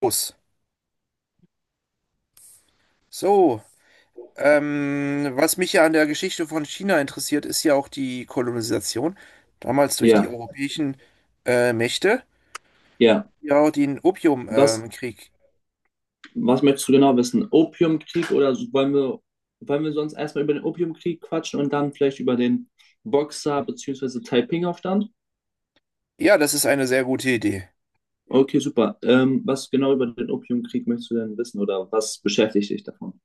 Los. So, was mich ja an der Geschichte von China interessiert, ist ja auch die Kolonisation, damals durch die Ja, europäischen Mächte, ja. ja, auch den Was, Opiumkrieg. was möchtest du genau wissen? Opiumkrieg oder wollen wir sonst erstmal über den Opiumkrieg quatschen und dann vielleicht über den Boxer bzw. Taiping-Aufstand? Ja, das ist eine sehr gute Idee. Okay, super. Was genau über den Opiumkrieg möchtest du denn wissen oder was beschäftigt dich davon?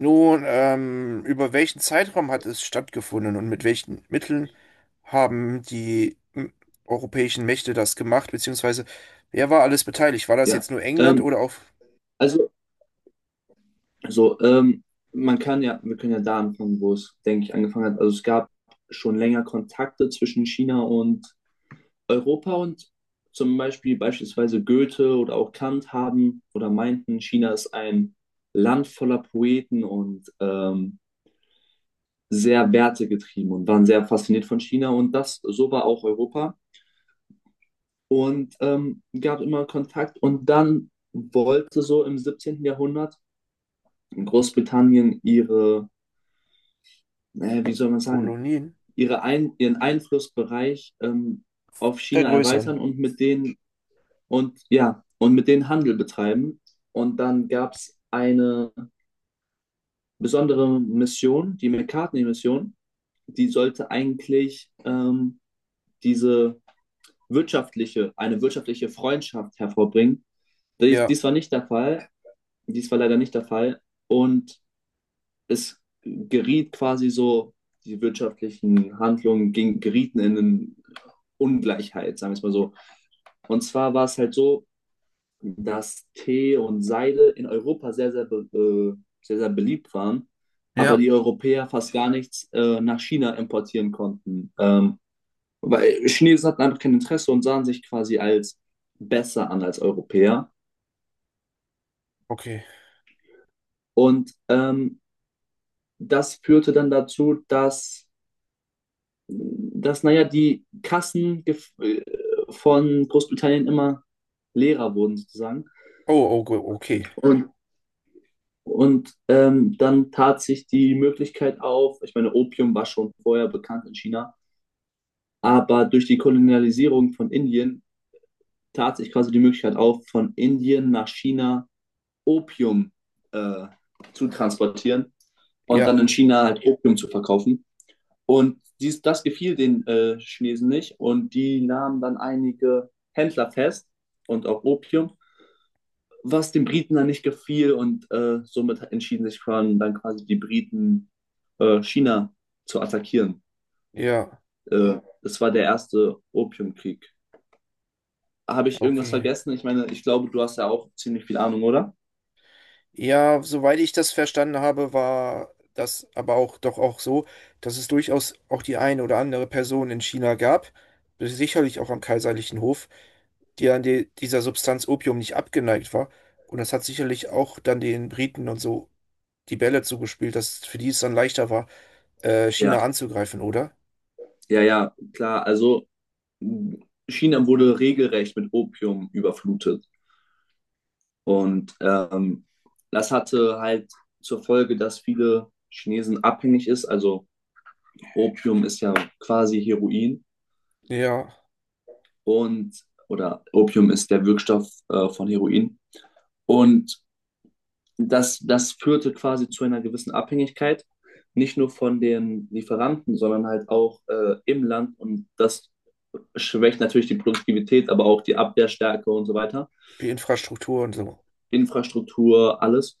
Nun, über welchen Zeitraum hat es stattgefunden und mit welchen Mitteln haben europäischen Mächte das gemacht, beziehungsweise wer war alles beteiligt? War das jetzt Ja. nur England Ähm, oder auch also, so, ähm, Man kann ja, wir können ja da anfangen, wo es, denke ich, angefangen hat. Also es gab schon länger Kontakte zwischen China und Europa und zum Beispiel beispielsweise Goethe oder auch Kant haben oder meinten, China ist ein Land voller Poeten und sehr wertegetrieben und waren sehr fasziniert von China und das so war auch Europa und gab immer Kontakt. Und dann wollte so im 17. Jahrhundert Großbritannien wie soll man sagen, Kolonien? Ihren Einflussbereich auf China Vergrößern. erweitern und mit denen mit denen Handel betreiben. Und dann gab es eine besondere Mission, die McCartney-Mission. Die sollte eigentlich diese eine wirtschaftliche Freundschaft hervorbringen. Dies, Ja. dies war nicht der Fall, dies war leider nicht der Fall. Und es geriet quasi so, die wirtschaftlichen gerieten in eine Ungleichheit, sagen wir es mal so. Und zwar war es halt so, dass Tee und Seide in Europa sehr, sehr beliebt waren, aber Ja, die Europäer fast gar nichts nach China importieren konnten. Weil Chinesen hatten einfach kein Interesse und sahen sich quasi als besser an als Europäer. okay. Und das führte dann dazu, dass naja, die von Großbritannien immer leerer wurden sozusagen. Oh, okay. Und Dann tat sich die Möglichkeit auf. Ich meine, Opium war schon vorher bekannt in China, aber durch die Kolonialisierung von Indien tat sich quasi die Möglichkeit auf, von Indien nach China Opium äh, zu transportieren und dann Ja, in China halt Opium zu verkaufen. Das gefiel den Chinesen nicht und die nahmen dann einige Händler fest und auch Opium, was den Briten dann nicht gefiel, und somit entschieden sich Crown dann quasi die Briten China zu attackieren. ja, Das war der erste Opiumkrieg. Habe ich irgendwas okay. vergessen? Ich meine, ich glaube, du hast ja auch ziemlich viel Ahnung, oder? Ja, soweit ich das verstanden habe, war das aber auch doch auch so, dass es durchaus auch die eine oder andere Person in China gab, sicherlich auch am kaiserlichen Hof, die an dieser Substanz Opium nicht abgeneigt war. Und das hat sicherlich auch dann den Briten und so die Bälle zugespielt, dass für die es dann leichter war, China Ja, anzugreifen, oder? ja, ja, klar. Also China wurde regelrecht mit Opium überflutet und das hatte halt zur Folge, dass viele Chinesen abhängig ist. Also Opium ist ja quasi Heroin. Ja, Und oder Opium ist der Wirkstoff von Heroin. Und das führte quasi zu einer gewissen Abhängigkeit, nicht nur von den Lieferanten, sondern halt auch im Land. Und das schwächt natürlich die Produktivität, aber auch die Abwehrstärke und so weiter, die Infrastruktur und so. Infrastruktur, alles.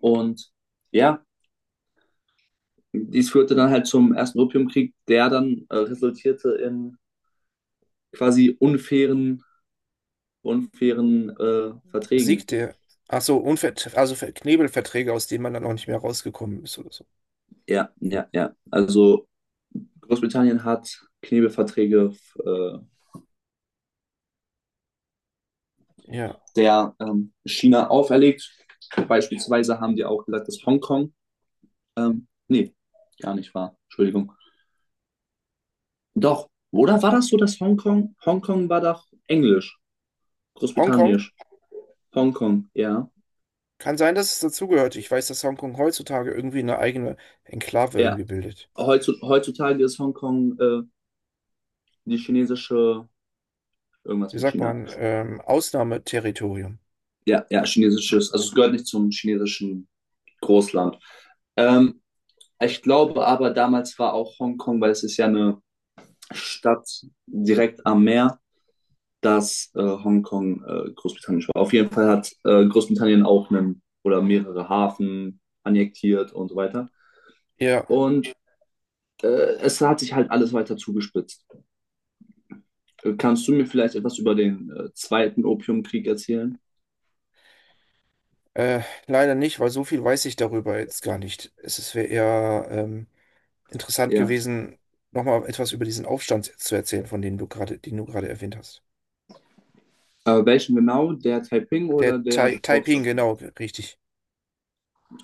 Und ja, dies führte dann halt zum ersten Opiumkrieg, der dann resultierte in quasi unfairen Verträgen. Siegte. Ach so, Knebelverträge, aus denen man dann auch nicht mehr rausgekommen ist oder so. Ja, ja, ja. Also Großbritannien hat Knebelverträge äh, Ja. der China auferlegt. Beispielsweise haben die auch gesagt, dass nee, gar nicht wahr, Entschuldigung. Doch, oder war das so, dass Hongkong war doch Englisch, Hongkong? Großbritannisch, Hongkong, ja, Kann sein, dass es dazugehört. Ich weiß, dass Hongkong heutzutage irgendwie eine eigene Enklave ja. irgendwie bildet. Heutzutage ist Hongkong die chinesische, irgendwas Wie mit sagt China. man? Ausnahmeterritorium. Ja, ja, chinesisches, also es gehört nicht zum chinesischen Großland. Ähm, Ich glaube aber, damals war auch Hongkong, weil es ist ja eine Stadt direkt am Meer, dass Hongkong Großbritannien war. Auf jeden Fall hat Großbritannien auch einen oder mehrere Hafen annektiert und so weiter. Ja, Und es hat sich halt alles weiter zugespitzt. Kannst du mir vielleicht etwas über den zweiten Opiumkrieg erzählen? äh, leider nicht, weil so viel weiß ich darüber jetzt gar nicht. Es wäre eher interessant Ja. gewesen, nochmal etwas über diesen Aufstand zu erzählen, von dem du gerade, den du gerade erwähnt hast. Welchen genau? Der Taiping Der oder der Tai Taiping, Boxeraufstand? genau, richtig.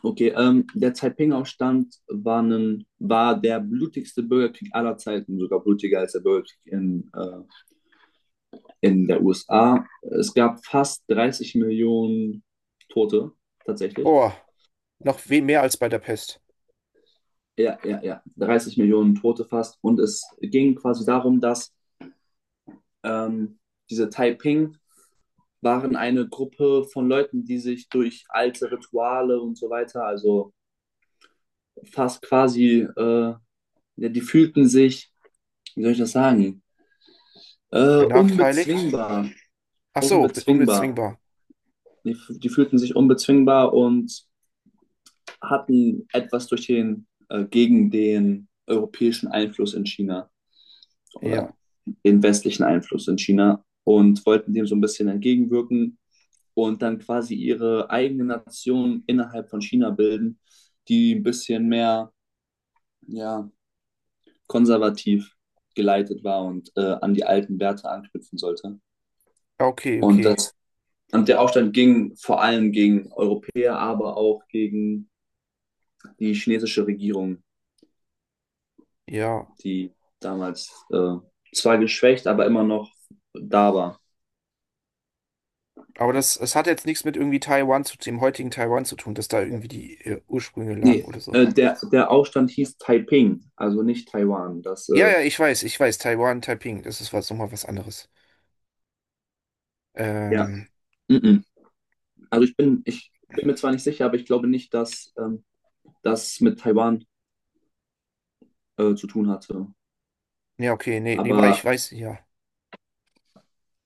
Okay, der Taiping-Aufstand war der blutigste Bürgerkrieg aller Zeiten, sogar blutiger als der Bürgerkrieg in der USA. Es gab fast 30 Millionen Tote tatsächlich. Boah, noch viel mehr als bei der Pest. Ja, ja, ja. 30 Millionen Tote fast. Und es ging quasi darum, dass ähm, diese Taiping waren eine Gruppe von Leuten, die sich durch alte Rituale und so weiter, also fast quasi, äh, ja, die fühlten sich, wie soll ich das sagen, Benachteiligt? unbezwingbar. Ach so, Unbezwingbar. unbezwingbar. Die fühlten sich unbezwingbar und hatten etwas gegen den europäischen Einfluss in China oder Ja. den westlichen Einfluss in China und wollten dem so ein bisschen entgegenwirken und dann quasi ihre eigene Nation innerhalb von China bilden, die ein bisschen mehr, ja, konservativ geleitet war und an die alten Werte anknüpfen sollte. Ja, okay, Und, okay. das, und der Aufstand ging vor allem gegen Europäer, aber auch gegen die chinesische Regierung, Ja. die damals zwar geschwächt, aber immer noch da war. Aber das, es hat jetzt nichts mit irgendwie dem heutigen Taiwan zu tun, dass da irgendwie die Ursprünge lagen oder so. Der Aufstand hieß Taiping, also nicht Taiwan. Das, Ja, ja, ich weiß. Taiwan, Taiping, nochmal was anderes. ja, Ähm, mm -mm. Also ich bin mir zwar nicht sicher, aber ich glaube nicht, dass das mit Taiwan zu tun hatte. ja, okay, nee, nee, war Aber ich weiß, ja.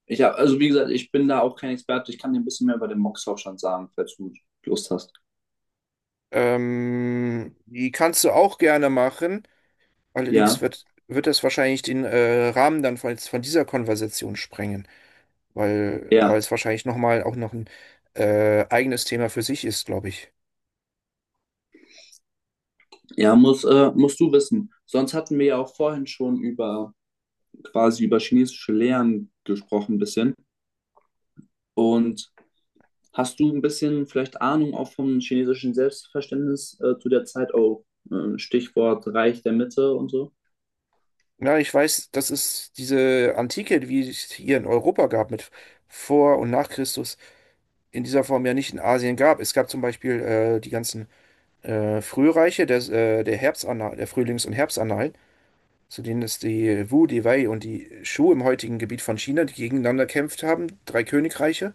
ich habe, also wie gesagt, ich bin da auch kein Experte. Ich kann dir ein bisschen mehr über den Mox-Aufstand sagen, falls du Lust hast. Die kannst du auch gerne machen. Allerdings Ja, wird das wahrscheinlich den Rahmen dann von dieser Konversation sprengen. Weil ja, es wahrscheinlich nochmal auch noch ein eigenes Thema für sich ist, glaube ich. ja, musst du wissen. Sonst hatten wir ja auch vorhin schon über über chinesische Lehren gesprochen ein bisschen. Und hast du ein bisschen vielleicht Ahnung auch vom chinesischen Selbstverständnis zu der Zeit auch? Stichwort Reich der Mitte und so. Ja, ich weiß, das ist diese Antike, wie es hier in Europa gab, mit vor und nach Christus, in dieser Form ja nicht in Asien gab. Es gab zum Beispiel die ganzen Frühreiche der Herbstannalen, der Frühlings- und Herbstannalen, zu denen es die Wu, die Wei und die Shu im heutigen Gebiet von China, die gegeneinander gekämpft haben, drei Königreiche.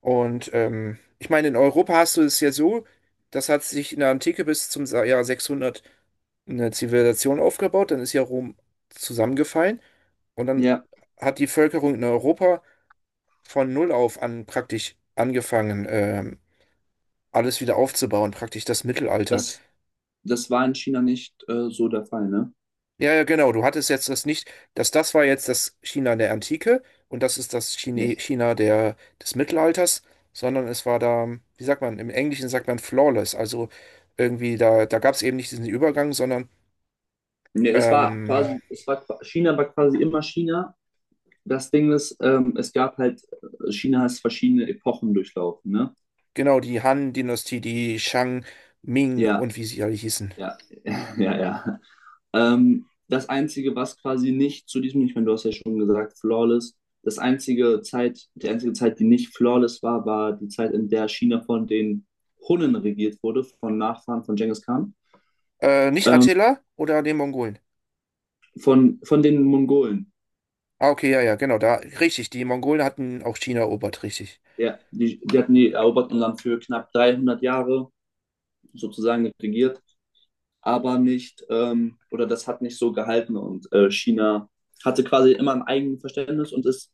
Und ich meine, in Europa hast du es ja so, das hat sich in der Antike bis zum Jahr 600 eine Zivilisation aufgebaut, dann ist ja Rom zusammengefallen und dann Ja, hat die Völkerung in Europa von null auf an praktisch angefangen, alles wieder aufzubauen, praktisch das Mittelalter. das, Das war in China nicht so der Fall, ne? Ja, ja, genau. Du hattest jetzt das nicht, dass das war jetzt das China der Antike und das ist das Nee. Chine, China des Mittelalters, sondern es war da, wie sagt man, im Englischen sagt man flawless. Also irgendwie, da gab es eben nicht diesen Übergang, sondern Nee, ähm, es war, China war quasi immer China. Das Ding ist, China hat verschiedene Epochen durchlaufen, ne? genau die Han-Dynastie, die Shang, Ming Ja, und wie sie alle hießen. ja, ja, ja. Das Einzige, was quasi nicht zu diesem, ich meine, du hast ja schon gesagt, flawless. Die einzige Zeit, die nicht flawless war, war die Zeit, in der China von den Hunnen regiert wurde, von Nachfahren von Genghis Khan, Nicht ähm, Attila oder den Mongolen? Von den Mongolen. Ah, okay, ja, ja, genau, da, richtig. Die Mongolen hatten auch China erobert, richtig. Ja, die hatten die eroberten Land für knapp 300 Jahre sozusagen regiert, aber nicht, oder das hat nicht so gehalten, und China hatte quasi immer ein eigenes Verständnis und ist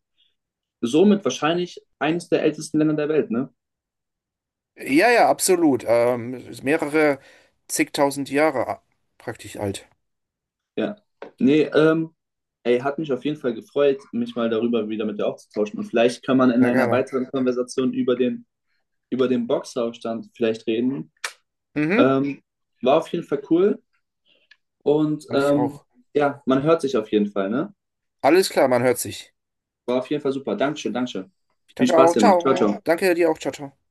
somit wahrscheinlich eines der ältesten Länder der Welt, ne? Ja, ja, absolut. Ist mehrere zigtausend Jahre praktisch alt. Ja. Nee, ähm, Ey, hat mich auf jeden Fall gefreut, mich mal darüber wieder mit dir auszutauschen. Und vielleicht kann man in Sehr einer gerne. weiteren Konversation über den Boxeraufstand vielleicht reden. Mhm. Ähm, War auf jeden Fall cool. Und Und ich auch. ja, man hört sich auf jeden Fall, ne? Alles klar, man hört sich. War auf jeden Fall super. Dankeschön, Dankeschön. Ich Viel danke Spaß auch. dir noch. Ciao, Ciao. ciao. Danke dir auch. Ciao, ciao.